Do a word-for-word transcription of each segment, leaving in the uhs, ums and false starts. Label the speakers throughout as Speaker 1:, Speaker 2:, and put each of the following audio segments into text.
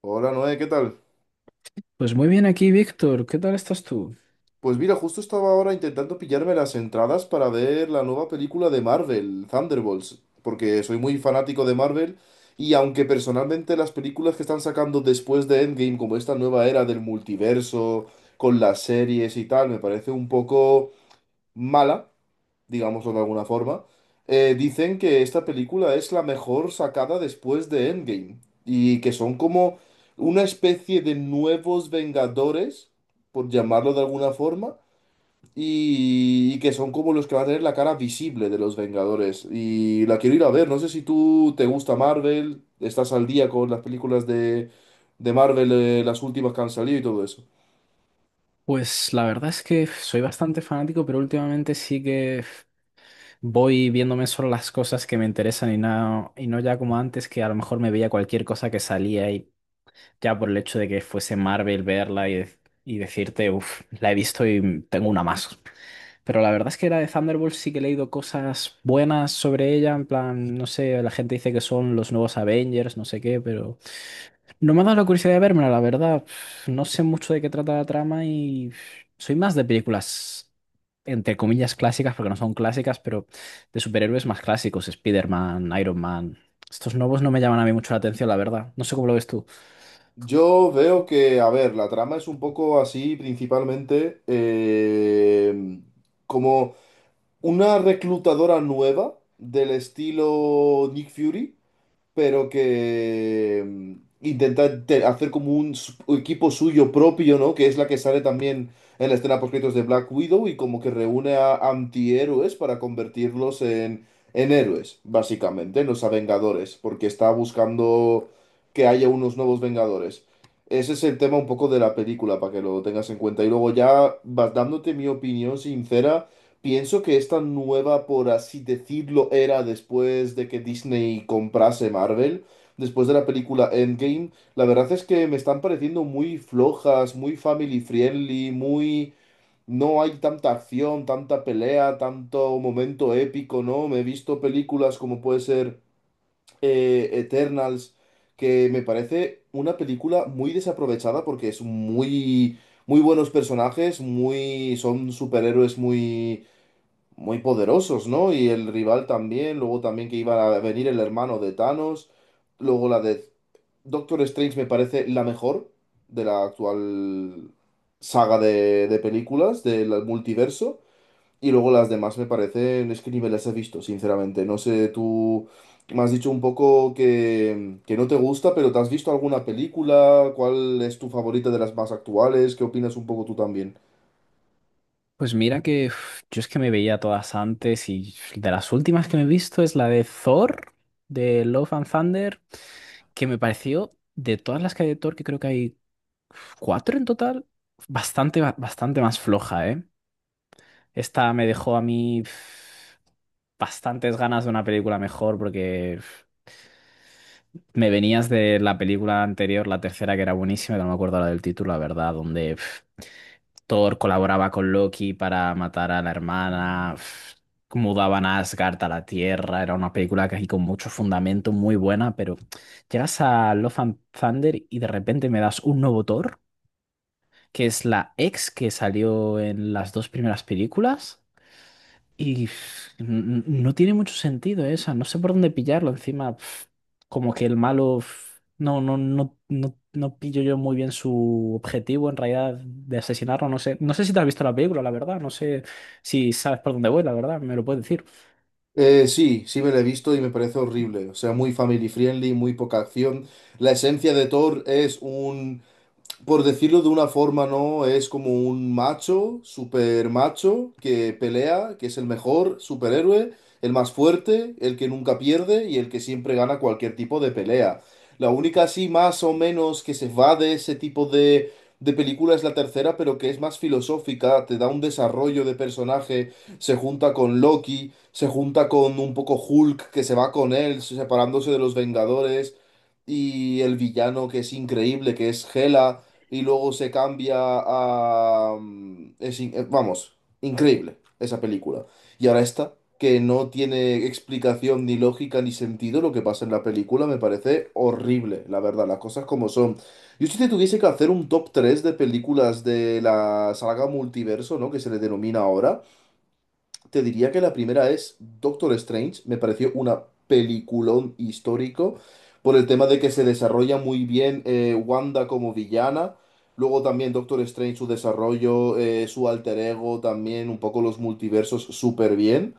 Speaker 1: Hola Noé, ¿qué tal?
Speaker 2: Pues muy bien aquí, Víctor. ¿Qué tal estás tú?
Speaker 1: Pues mira, justo estaba ahora intentando pillarme las entradas para ver la nueva película de Marvel, Thunderbolts, porque soy muy fanático de Marvel y aunque personalmente las películas que están sacando después de Endgame, como esta nueva era del multiverso, con las series y tal, me parece un poco mala, digámoslo de alguna forma, eh, dicen que esta película es la mejor sacada después de Endgame y que son como una especie de nuevos Vengadores, por llamarlo de alguna forma, y, y que son como los que van a tener la cara visible de los Vengadores. Y la quiero ir a ver, no sé si tú te gusta Marvel, estás al día con las películas de, de Marvel, eh, las últimas que han salido y todo eso.
Speaker 2: Pues la verdad es que soy bastante fanático, pero últimamente sí que voy viéndome solo las cosas que me interesan y no, y no ya como antes, que a lo mejor me veía cualquier cosa que salía y ya por el hecho de que fuese Marvel verla y, de- y decirte, uff, la he visto y tengo una más. Pero la verdad es que era de Thunderbolts sí que he leído cosas buenas sobre ella, en plan, no sé, la gente dice que son los nuevos Avengers, no sé qué, pero... No me ha dado la curiosidad de verme, la verdad. Pf, No sé mucho de qué trata la trama y pf, soy más de películas, entre comillas, clásicas, porque no son clásicas, pero de superhéroes más clásicos, Spider-Man, Iron Man. Estos nuevos no me llaman a mí mucho la atención, la verdad. No sé cómo lo ves tú.
Speaker 1: Yo veo que, a ver, la trama es un poco así, principalmente eh, como una reclutadora nueva del estilo Nick Fury pero que mm, intenta te- hacer como un s- equipo suyo propio, ¿no? Que es la que sale también en la escena post-créditos de Black Widow y como que reúne a antihéroes para convertirlos en, en héroes, básicamente, en los Vengadores, porque está buscando que haya unos nuevos Vengadores. Ese es el tema un poco de la película, para que lo tengas en cuenta. Y luego ya vas dándote mi opinión sincera. Pienso que esta nueva, por así decirlo, era después de que Disney comprase Marvel, después de la película Endgame, la verdad es que me están pareciendo muy flojas, muy family friendly, muy. No hay tanta acción, tanta pelea, tanto momento épico, ¿no? Me he visto películas como puede ser eh, Eternals, que me parece una película muy desaprovechada porque es muy. Muy buenos personajes, muy, son superhéroes muy muy poderosos, ¿no? Y el rival también, luego también que iba a venir el hermano de Thanos, luego la de Doctor Strange me parece la mejor de la actual saga de, de películas del multiverso, y luego las demás me parecen, es que ni me las he visto, sinceramente, no sé, tú me has dicho un poco que, que no te gusta, pero ¿te has visto alguna película? ¿Cuál es tu favorita de las más actuales? ¿Qué opinas un poco tú también?
Speaker 2: Pues mira que uf, yo es que me veía todas antes y de las últimas que me he visto es la de Thor, de Love and Thunder, que me pareció, de todas las que hay de Thor, que creo que hay cuatro en total. Bastante, ba- bastante más floja, ¿eh? Esta me dejó a mí pf, bastantes ganas de una película mejor porque pf, me venías de la película anterior, la tercera que era buenísima, que no me acuerdo la del título, la verdad, donde pf, Thor colaboraba con Loki para matar a la hermana, pf, mudaban a Asgard a la Tierra, era una película que aquí con mucho fundamento, muy buena, pero llegas a Love and Thunder y de repente me das un nuevo Thor, que es la ex que salió en las dos primeras películas. Y pf, n- no tiene mucho sentido esa, no sé por dónde pillarlo. Encima, pf, como que el malo, pf, no, no, no, no, no pillo yo muy bien su objetivo en realidad de asesinarlo. No sé, no sé si te has visto la película, la verdad. No sé si sabes por dónde voy, la verdad. Me lo puedes decir.
Speaker 1: Eh, sí, sí me la he visto y me parece horrible. O sea, muy family friendly, muy poca acción. La esencia de Thor es un, por decirlo de una forma, ¿no? Es como un macho, super macho, que pelea, que es el mejor superhéroe, el más fuerte, el que nunca pierde y el que siempre gana cualquier tipo de pelea. La única así más o menos que se va de ese tipo de, de película es la tercera, pero que es más filosófica, te da un desarrollo de personaje, se junta con Loki, se junta con un poco Hulk que se va con él, separándose de los Vengadores y el villano que es increíble, que es Hela y luego se cambia a, mm, es in- eh, vamos, increíble esa película. Y ahora esta, que no tiene explicación ni lógica ni sentido lo que pasa en la película, me parece horrible, la verdad, las cosas como son. Yo si te tuviese que hacer un top tres de películas de la saga multiverso, ¿no? Que se le denomina ahora. Te diría que la primera es Doctor Strange, me pareció una peliculón histórico por el tema de que se desarrolla muy bien, eh, Wanda como villana, luego también Doctor Strange, su desarrollo, eh, su alter ego, también un poco los multiversos súper bien.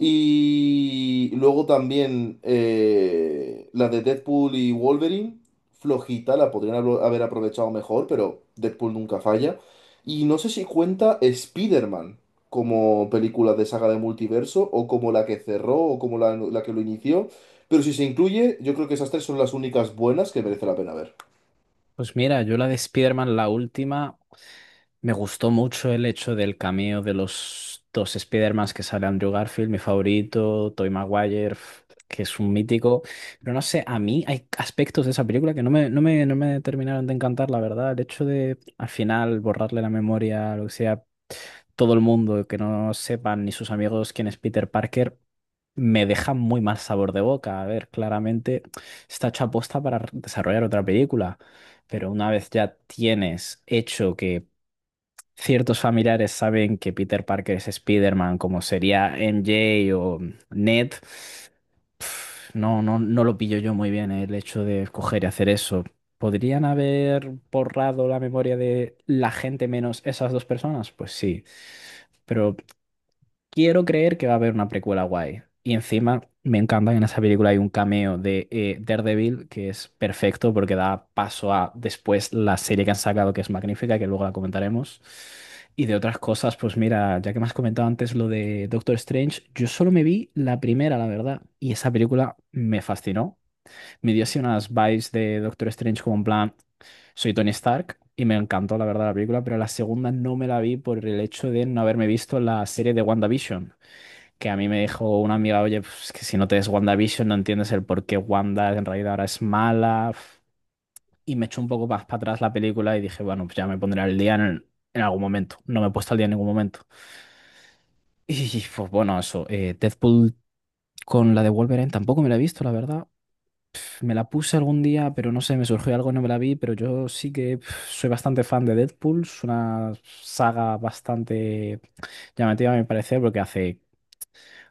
Speaker 1: Y luego también, eh, la de Deadpool y Wolverine, flojita, la podrían hablo- haber aprovechado mejor, pero Deadpool nunca falla. Y no sé si cuenta Spider-Man como película de saga de multiverso, o como la que cerró, o como la, la que lo inició. Pero si se incluye, yo creo que esas tres son las únicas buenas que merece la pena ver.
Speaker 2: Pues mira, yo la de Spider-Man, la última. Me gustó mucho el hecho del cameo de los dos Spider-Mans que sale Andrew Garfield, mi favorito, Tobey Maguire, f- que es un mítico. Pero no sé, a mí hay aspectos de esa película que no me, no me, no me terminaron de encantar, la verdad. El hecho de al final borrarle la memoria, lo que sea, todo el mundo, que no sepan ni sus amigos quién es Peter Parker, me deja muy mal sabor de boca. A ver, claramente está hecha aposta para desarrollar otra película. Pero una vez ya tienes hecho que ciertos familiares saben que Peter Parker es Spider-Man, como sería M J o Ned, pf, no, no, no lo pillo yo muy bien eh, el hecho de escoger y hacer eso. ¿Podrían haber borrado la memoria de la gente menos esas dos personas? Pues sí. Pero quiero creer que va a haber una precuela guay. Y encima me encanta que en esa película hay un cameo de eh, Daredevil, que es perfecto porque da paso a después la serie que han sacado, que es magnífica, que luego la comentaremos. Y de otras cosas, pues mira, ya que me has comentado antes lo de Doctor Strange, yo solo me vi la primera, la verdad, y esa película me fascinó. Me dio así unas vibes de Doctor Strange como en plan, soy Tony Stark, y me encantó la verdad la película, pero la segunda no me la vi por el hecho de no haberme visto la serie de WandaVision, que a mí me dijo una amiga, oye, pues, que si no te ves WandaVision no entiendes el por qué Wanda en realidad ahora es mala. Pf. Y me echó un poco más para atrás la película y dije, bueno, pues ya me pondré al día en, en algún momento. No me he puesto al día en ningún momento. Y pues bueno, eso, eh, Deadpool con la de Wolverine tampoco me la he visto, la verdad. Me la puse algún día, pero no sé, me surgió algo y no me la vi, pero yo sí que pf, soy bastante fan de Deadpool. Es una saga bastante llamativa, a mi parecer, porque hace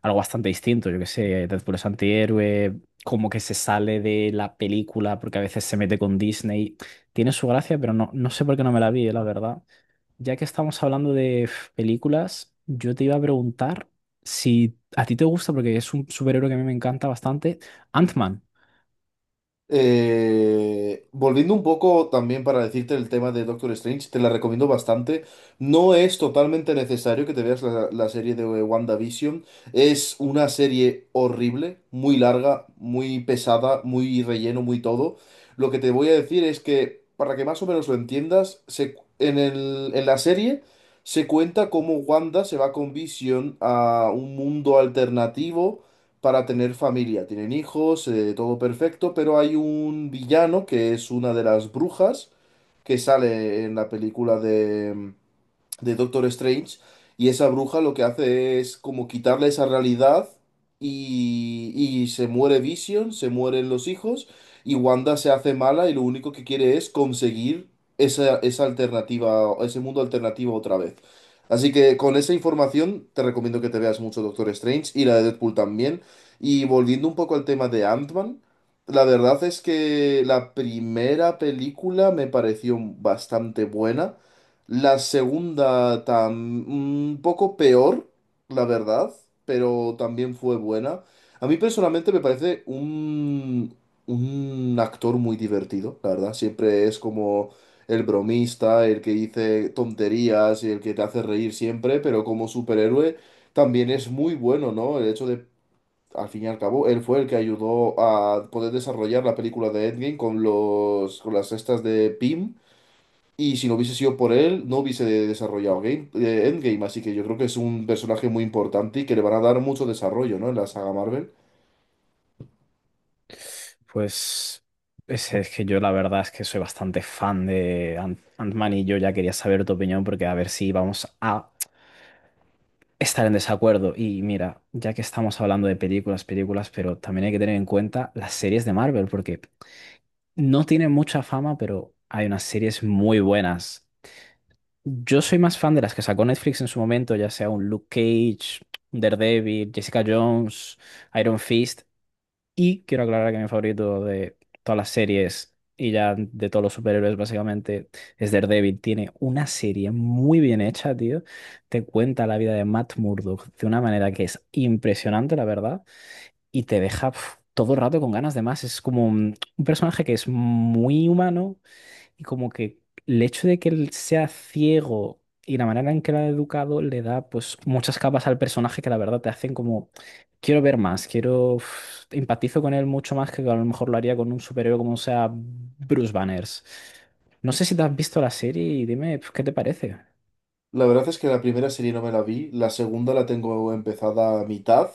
Speaker 2: algo bastante distinto. Yo que sé, Deadpool es antihéroe, como que se sale de la película porque a veces se mete con Disney. Tiene su gracia, pero no, no sé por qué no me la vi, eh, la verdad. Ya que estamos hablando de f, películas, yo te iba a preguntar si a ti te gusta, porque es un superhéroe que a mí me encanta bastante, Ant-Man.
Speaker 1: Eh, volviendo un poco también para decirte el tema de Doctor Strange, te la recomiendo bastante. No es totalmente necesario que te veas la, la serie de WandaVision. Es una serie horrible, muy larga, muy pesada, muy relleno, muy todo. Lo que te voy a decir es que, para que más o menos lo entiendas, se, en el- en la serie se cuenta cómo Wanda se va con Vision a un mundo alternativo para tener familia. Tienen hijos, eh, todo perfecto, pero hay un villano que es una de las brujas que sale en la película de, mm, de Doctor Strange, y esa bruja lo que hace es como quitarle esa realidad y, y se muere Vision, se mueren los hijos, y Wanda se hace mala y lo único que quiere es conseguir esa, esa alternativa, ese mundo alternativo otra vez. Así que con esa información te recomiendo que te veas mucho Doctor Strange y la de Deadpool también. Y volviendo un poco al tema de Ant-Man, la verdad es que la primera película me pareció bastante buena. La segunda, tam- un poco peor, la verdad, pero también fue buena. A mí personalmente me parece un, un actor muy divertido, la verdad. Siempre es como el bromista, el que dice tonterías y el que te hace reír siempre, pero como superhéroe también es muy bueno, ¿no? El hecho de, al fin y al cabo, él fue el que ayudó a poder desarrollar la película de Endgame con los, con las estas de Pym y si no hubiese sido por él, no hubiese de- desarrollado Game, eh, Endgame. Así que yo creo que es un personaje muy importante y que le van a dar mucho desarrollo, ¿no? En la saga Marvel.
Speaker 2: Pues es, es que yo la verdad es que soy bastante fan de Ant- Ant-Man, y yo ya quería saber tu opinión porque a ver si vamos a estar en desacuerdo. Y mira, ya que estamos hablando de películas, películas, pero también hay que tener en cuenta las series de Marvel, porque no tienen mucha fama, pero hay unas series muy buenas. Yo soy más fan de las que sacó Netflix en su momento, ya sea un Luke Cage, un Daredevil, Jessica Jones, Iron Fist. Y quiero aclarar que mi favorito de todas las series, y ya de todos los superhéroes básicamente, es Daredevil. Tiene una serie muy bien hecha, tío. Te cuenta la vida de Matt Murdock de una manera que es impresionante, la verdad. Y te deja pf, todo el rato con ganas de más. Es como un, un personaje que es muy humano, y como que el hecho de que él sea ciego y la manera en que lo ha educado le da pues muchas capas al personaje que la verdad te hacen como quiero ver más, quiero uf, empatizo con él mucho más que a lo mejor lo haría con un superhéroe como sea Bruce Banners. No sé si te has visto la serie y dime pues, qué te parece.
Speaker 1: La verdad es que la primera serie no me la vi, la segunda la tengo empezada a mitad,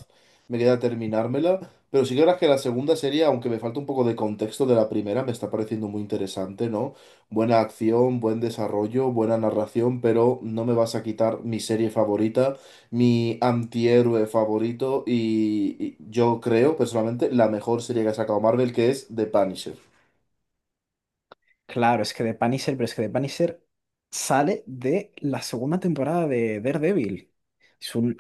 Speaker 1: me queda terminármela, pero sí que ahora que la segunda serie, aunque me falta un poco de contexto de la primera, me está pareciendo muy interesante, ¿no? Buena acción, buen desarrollo, buena narración, pero no me vas a quitar mi serie favorita, mi antihéroe favorito y, y yo creo, personalmente, la mejor serie que ha sacado Marvel, que es The Punisher.
Speaker 2: Claro, es que The Punisher, pero es que The Punisher sale de la segunda temporada de Daredevil. Es un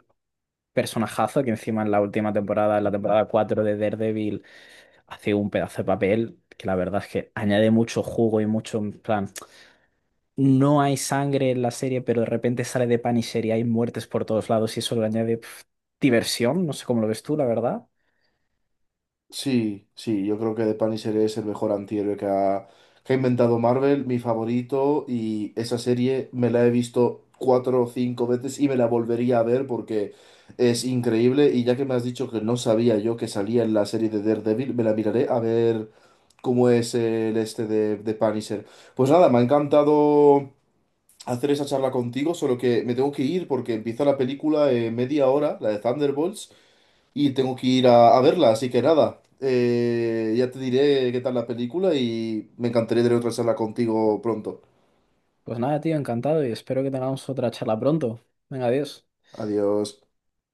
Speaker 2: personajazo que encima en la última temporada, en la temporada cuatro de Daredevil, hace un pedazo de papel que la verdad es que añade mucho jugo y mucho, en plan, no hay sangre en la serie, pero de repente sale de Punisher y hay muertes por todos lados y eso le añade pf, diversión, no sé cómo lo ves tú, la verdad.
Speaker 1: Sí, sí, yo creo que The Punisher es el mejor antihéroe que ha, que ha inventado Marvel, mi favorito, y esa serie me la he visto cuatro o cinco veces y me la volvería a ver porque es increíble. Y ya que me has dicho que no sabía yo que salía en la serie de Daredevil, me la miraré a ver cómo es el este de, de Punisher. Pues nada, me ha encantado hacer esa charla contigo, solo que me tengo que ir porque empieza la película en media hora, la de Thunderbolts y tengo que ir a, a verla, así que nada, eh, ya te diré qué tal la película y me encantaría tener otra charla contigo pronto.
Speaker 2: Pues nada, tío, encantado y espero que tengamos otra charla pronto. Venga, adiós.
Speaker 1: Adiós.